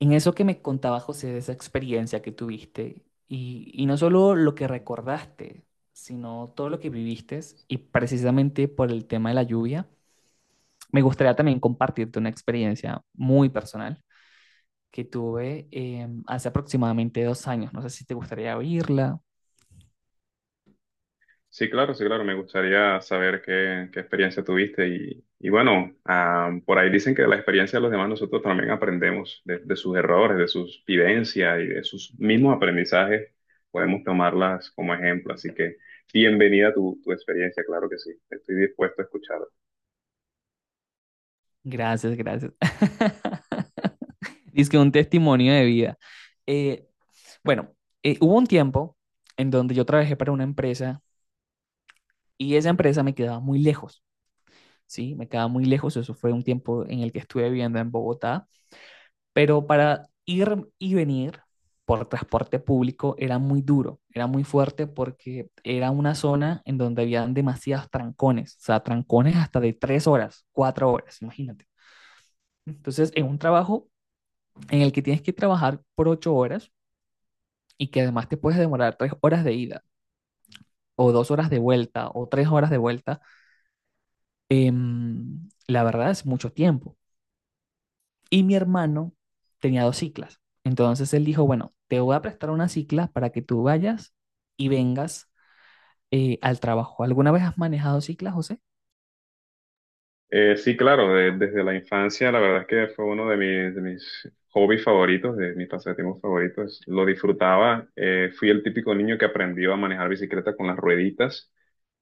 En eso que me contaba José de esa experiencia que tuviste, y no solo lo que recordaste, sino todo lo que viviste, y precisamente por el tema de la lluvia, me gustaría también compartirte una experiencia muy personal que tuve hace aproximadamente 2 años. No sé si te gustaría oírla. Sí, claro, sí, claro. Me gustaría saber qué experiencia tuviste. Y bueno, por ahí dicen que de la experiencia de los demás nosotros también aprendemos de sus errores, de sus vivencias y de sus mismos aprendizajes. Podemos tomarlas como ejemplo. Así que bienvenida tu experiencia, claro que sí. Estoy dispuesto a escuchar. Gracias, gracias. Dice que un testimonio de vida. Eh, bueno, hubo un tiempo en donde yo trabajé para una empresa y esa empresa me quedaba muy lejos. ¿Sí? Me quedaba muy lejos, eso fue un tiempo en el que estuve viviendo en Bogotá, pero para ir y venir por transporte público era muy duro, era muy fuerte porque era una zona en donde habían demasiados trancones, o sea, trancones hasta de 3 horas, 4 horas, imagínate. Entonces, en un trabajo en el que tienes que trabajar por 8 horas y que además te puedes demorar 3 horas de ida o 2 horas de vuelta o 3 horas de vuelta, la verdad es mucho tiempo. Y mi hermano tenía dos ciclas. Entonces él dijo, bueno, te voy a prestar una cicla para que tú vayas y vengas al trabajo. ¿Alguna vez has manejado ciclas, José? Sí, claro, desde la infancia la verdad es que fue uno de de mis hobbies favoritos, de mis pasatiempos favoritos. Lo disfrutaba. Fui el típico niño que aprendió a manejar bicicleta con las rueditas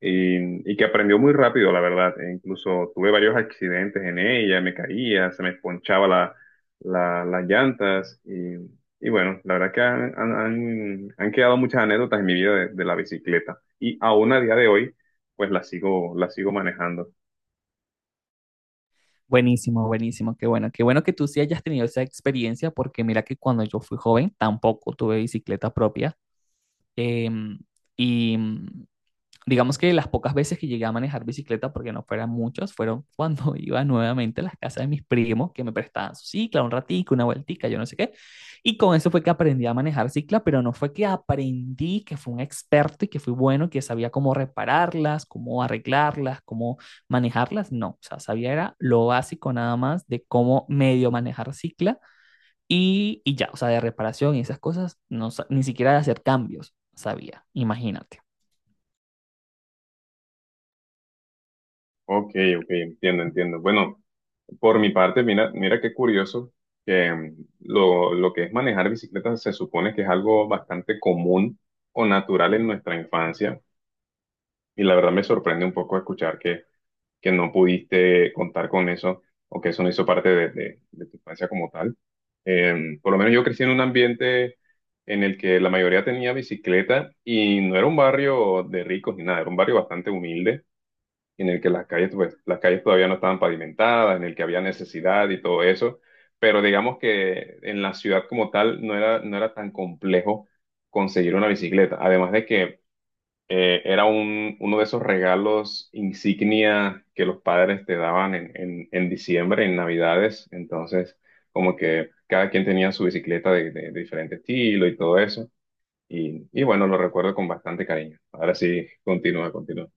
y que aprendió muy rápido, la verdad. E incluso tuve varios accidentes en ella, me caía, se me ponchaba las llantas y bueno, la verdad que han quedado muchas anécdotas en mi vida de la bicicleta y aún a día de hoy, pues la sigo manejando. Buenísimo, buenísimo, qué bueno que tú sí hayas tenido esa experiencia, porque mira que cuando yo fui joven tampoco tuve bicicleta propia. em, y digamos que las pocas veces que llegué a manejar bicicleta, porque no fueran muchas, fueron cuando iba nuevamente a las casas de mis primos que me prestaban su cicla, un ratico, una vueltica, yo no sé qué. Y con eso fue que aprendí a manejar cicla, pero no fue que aprendí que fui un experto y que fui bueno, que sabía cómo repararlas, cómo arreglarlas, cómo manejarlas. No, o sea, sabía era lo básico nada más de cómo medio manejar cicla y ya, o sea, de reparación y esas cosas, no, ni siquiera de hacer cambios sabía, imagínate. Ok, ok, entiendo, entiendo. Bueno, por mi parte, mira, mira qué curioso que lo que es manejar bicicleta se supone que es algo bastante común o natural en nuestra infancia. Y la verdad me sorprende un poco escuchar que no pudiste contar con eso o que eso no hizo parte de, de tu infancia como tal. Por lo menos yo crecí en un ambiente en el que la mayoría tenía bicicleta y no era un barrio de ricos ni nada, era un barrio bastante humilde en el que las calles, pues, las calles todavía no estaban pavimentadas, en el que había necesidad y todo eso. Pero digamos que en la ciudad como tal no era, no era tan complejo conseguir una bicicleta. Además de que era uno de esos regalos insignia que los padres te daban en diciembre, en Navidades. Entonces, como que cada quien tenía su bicicleta de, de diferente estilo y todo eso. Y bueno, lo recuerdo con bastante cariño. Ahora sí, continúa, continúa.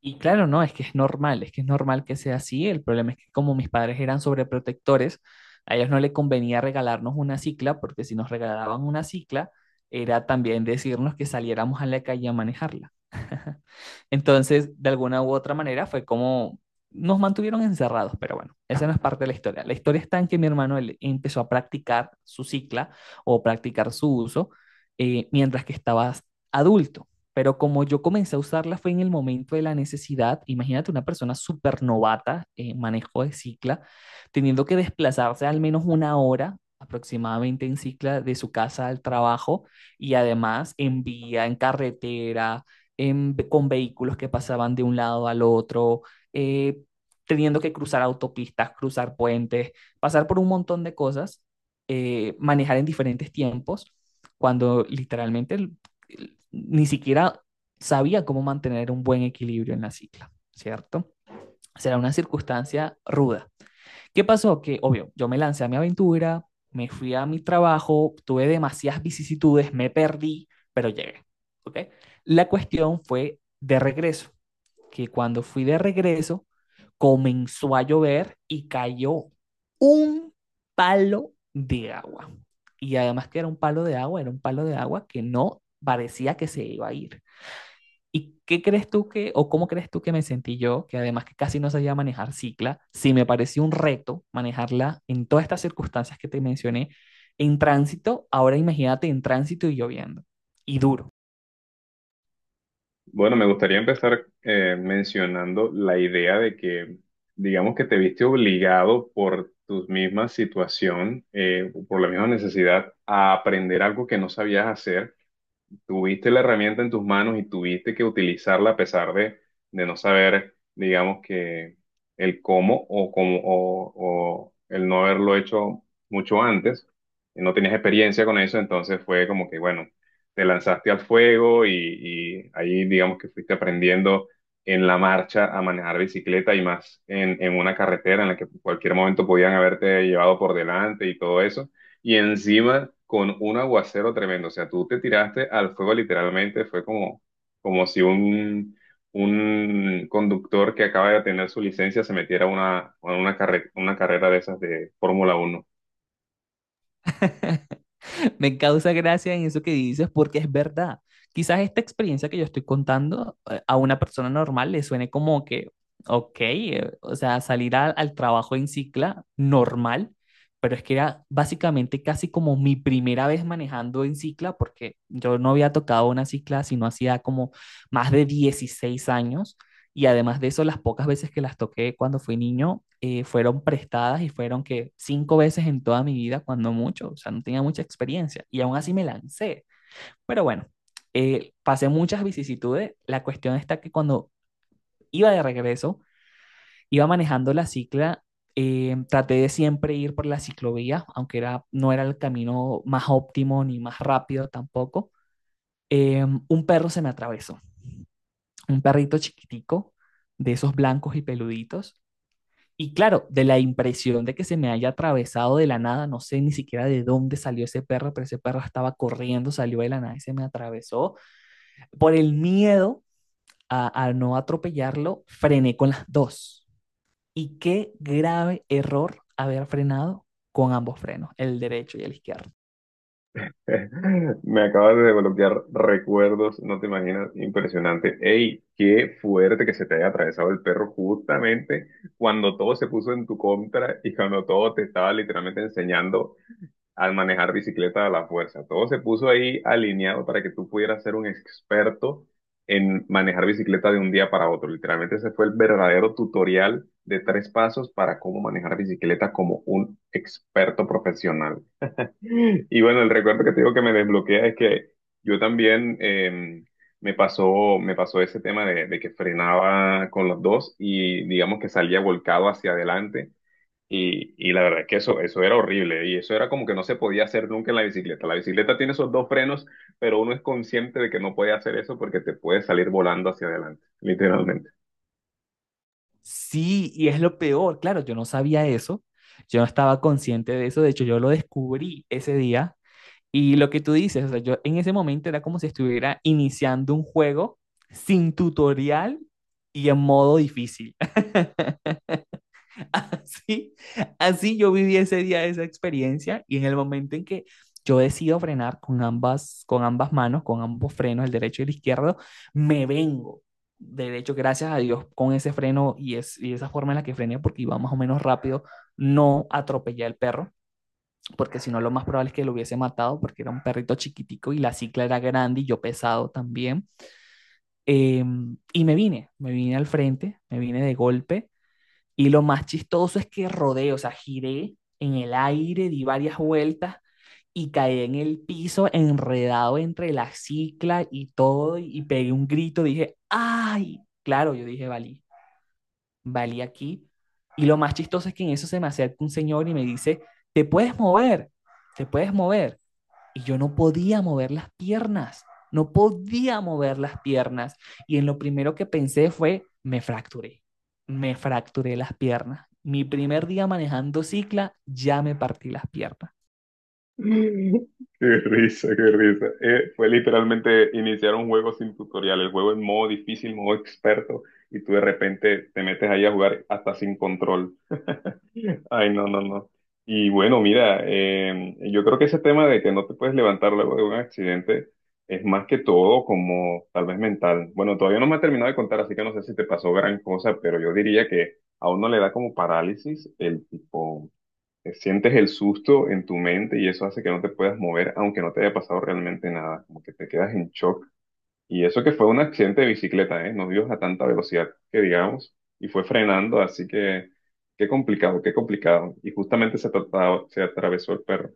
Y claro, no, es que es normal, es que es normal que sea así. El problema es que como mis padres eran sobreprotectores, a ellos no les convenía regalarnos una cicla, porque si nos regalaban una cicla, era también decirnos que saliéramos a la calle a manejarla. Entonces, de alguna u otra manera, fue como nos mantuvieron encerrados, pero bueno, esa no es parte de la historia. La historia está en que mi hermano él empezó a practicar su cicla o practicar su uso mientras que estaba adulto. Pero como yo comencé a usarla fue en el momento de la necesidad, imagínate una persona súper novata en manejo de cicla, teniendo que desplazarse al menos 1 hora aproximadamente en cicla de su casa al trabajo y además en vía, en carretera, con vehículos que pasaban de un lado al otro, eh, teniendo que cruzar autopistas, cruzar puentes, pasar por un montón de cosas, manejar en diferentes tiempos cuando literalmente ni siquiera sabía cómo mantener un buen equilibrio en la cicla, ¿cierto? Será una circunstancia ruda. ¿Qué pasó? Que, obvio, yo me lancé a mi aventura, me fui a mi trabajo, tuve demasiadas vicisitudes, me perdí, pero llegué, ¿Ok? La cuestión fue de regreso que cuando fui de regreso comenzó a llover y cayó un palo de agua. Y además que era un palo de agua, era un palo de agua que no parecía que se iba a ir. ¿Y qué crees tú que, o cómo crees tú que me sentí yo, que además que casi no sabía manejar cicla, sí me pareció un reto manejarla en todas estas circunstancias que te mencioné, en tránsito, ahora imagínate en tránsito y lloviendo, y duro? Bueno, me gustaría empezar mencionando la idea de que, digamos que te viste obligado por tu misma situación, por la misma necesidad, a aprender algo que no sabías hacer, tuviste la herramienta en tus manos y tuviste que utilizarla a pesar de no saber, digamos que el cómo o cómo o el no haberlo hecho mucho antes, y no tenías experiencia con eso, entonces fue como que, bueno, te lanzaste al fuego y ahí digamos que fuiste aprendiendo en la marcha a manejar bicicleta y más en una carretera en la que en cualquier momento podían haberte llevado por delante y todo eso y encima con un aguacero tremendo. O sea, tú te tiraste al fuego literalmente, fue como, como si un, un conductor que acaba de tener su licencia se metiera a una, una carrera de esas de Fórmula Uno. Me causa gracia en eso que dices porque es verdad. Quizás esta experiencia que yo estoy contando a una persona normal le suene como que, ok, o sea, salir al trabajo en cicla normal, pero es que era básicamente casi como mi primera vez manejando en cicla porque yo no había tocado una cicla sino hacía como más de 16 años. Y además de eso, las pocas veces que las toqué cuando fui niño fueron prestadas y fueron que cinco veces en toda mi vida, cuando mucho, o sea, no tenía mucha experiencia y aún así me lancé. Pero bueno, pasé muchas vicisitudes. La cuestión está que cuando iba de regreso, iba manejando la cicla, traté de siempre ir por la ciclovía, aunque era, no era el camino más óptimo ni más rápido tampoco. Un perro se me atravesó, un perrito chiquitico de esos blancos y peluditos. Y claro, de la impresión de que se me haya atravesado de la nada, no sé ni siquiera de dónde salió ese perro, pero ese perro estaba corriendo, salió de la nada y se me atravesó. Por el miedo a no atropellarlo, frené con las dos. Y qué grave error haber frenado con ambos frenos, el derecho y el izquierdo. Me acabas de desbloquear recuerdos, no te imaginas, impresionante. ¡Ey, qué fuerte que se te haya atravesado el perro justamente cuando todo se puso en tu contra y cuando todo te estaba literalmente enseñando al manejar bicicleta a la fuerza! Todo se puso ahí alineado para que tú pudieras ser un experto en manejar bicicleta de un día para otro. Literalmente ese fue el verdadero tutorial de tres pasos para cómo manejar bicicleta como un experto profesional. Y bueno, el recuerdo que te digo que me desbloquea es que yo también me pasó ese tema de que frenaba con los dos y digamos que salía volcado hacia adelante y la verdad es que eso era horrible y eso era como que no se podía hacer nunca en la bicicleta. La bicicleta tiene esos dos frenos, pero uno es consciente de que no puede hacer eso porque te puede salir volando hacia adelante, literalmente. Sí, y es lo peor, claro, yo no sabía eso, yo no estaba consciente de eso, de hecho yo lo descubrí ese día. Y lo que tú dices, o sea, yo en ese momento era como si estuviera iniciando un juego sin tutorial y en modo difícil. Así, así yo viví ese día esa experiencia y en el momento en que yo decido frenar con ambas manos, con ambos frenos, el derecho y el izquierdo, me vengo. De hecho, gracias a Dios, con ese freno y esa forma en la que frené, porque iba más o menos rápido, no atropellé al perro, porque si no lo más probable es que lo hubiese matado porque era un perrito chiquitico y la cicla era grande y yo pesado también. Eh, y me vine al frente, me vine de golpe y lo más chistoso es que rodé, o sea, giré en el aire, di varias vueltas y caí en el piso enredado entre la cicla y todo y pegué un grito, dije, ay, claro, yo dije, valí, valí aquí. Y lo más chistoso es que en eso se me acerca un señor y me dice, te puedes mover, te puedes mover. Y yo no podía mover las piernas, no podía mover las piernas. Y en lo primero que pensé fue, me fracturé las piernas. Mi primer día manejando cicla, ya me partí las piernas. Qué risa, qué risa. Fue literalmente iniciar un juego sin tutorial, el juego en modo difícil, modo experto, y tú de repente te metes ahí a jugar hasta sin control. Ay, no, no, no. Y bueno, mira, yo creo que ese tema de que no te puedes levantar luego de un accidente es más que todo como tal vez mental. Bueno, todavía no me ha terminado de contar, así que no sé si te pasó gran cosa, pero yo diría que a uno le da como parálisis el tipo, sientes el susto en tu mente y eso hace que no te puedas mover, aunque no te haya pasado realmente nada, como que te quedas en shock y eso que fue un accidente de bicicleta, ¿eh? No ibas a tanta velocidad que digamos, y fue frenando, así que qué complicado, qué complicado. Y justamente se atravesó el perro.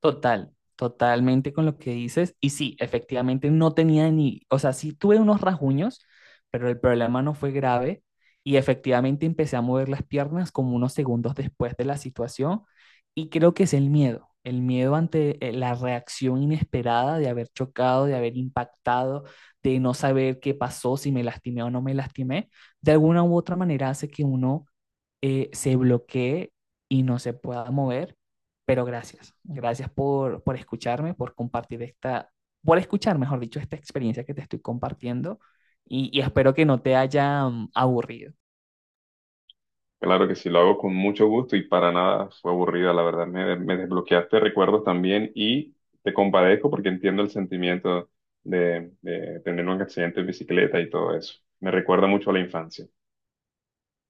Total, totalmente con lo que dices. Y sí, efectivamente no tenía ni, o sea, sí tuve unos rasguños, pero el problema no fue grave. Y efectivamente empecé a mover las piernas como unos segundos después de la situación. Y creo que es el miedo ante la reacción inesperada de haber chocado, de haber impactado, de no saber qué pasó, si me lastimé o no me lastimé. De alguna u otra manera hace que uno se bloquee y no se pueda mover. Pero gracias, gracias por escucharme, por compartir esta, por escuchar, mejor dicho, esta experiencia que te estoy compartiendo y espero que no te haya aburrido. Claro que sí, lo hago con mucho gusto y para nada fue aburrida, la verdad. Me desbloqueaste recuerdos también y te compadezco porque entiendo el sentimiento de tener un accidente de bicicleta y todo eso. Me recuerda mucho a la infancia.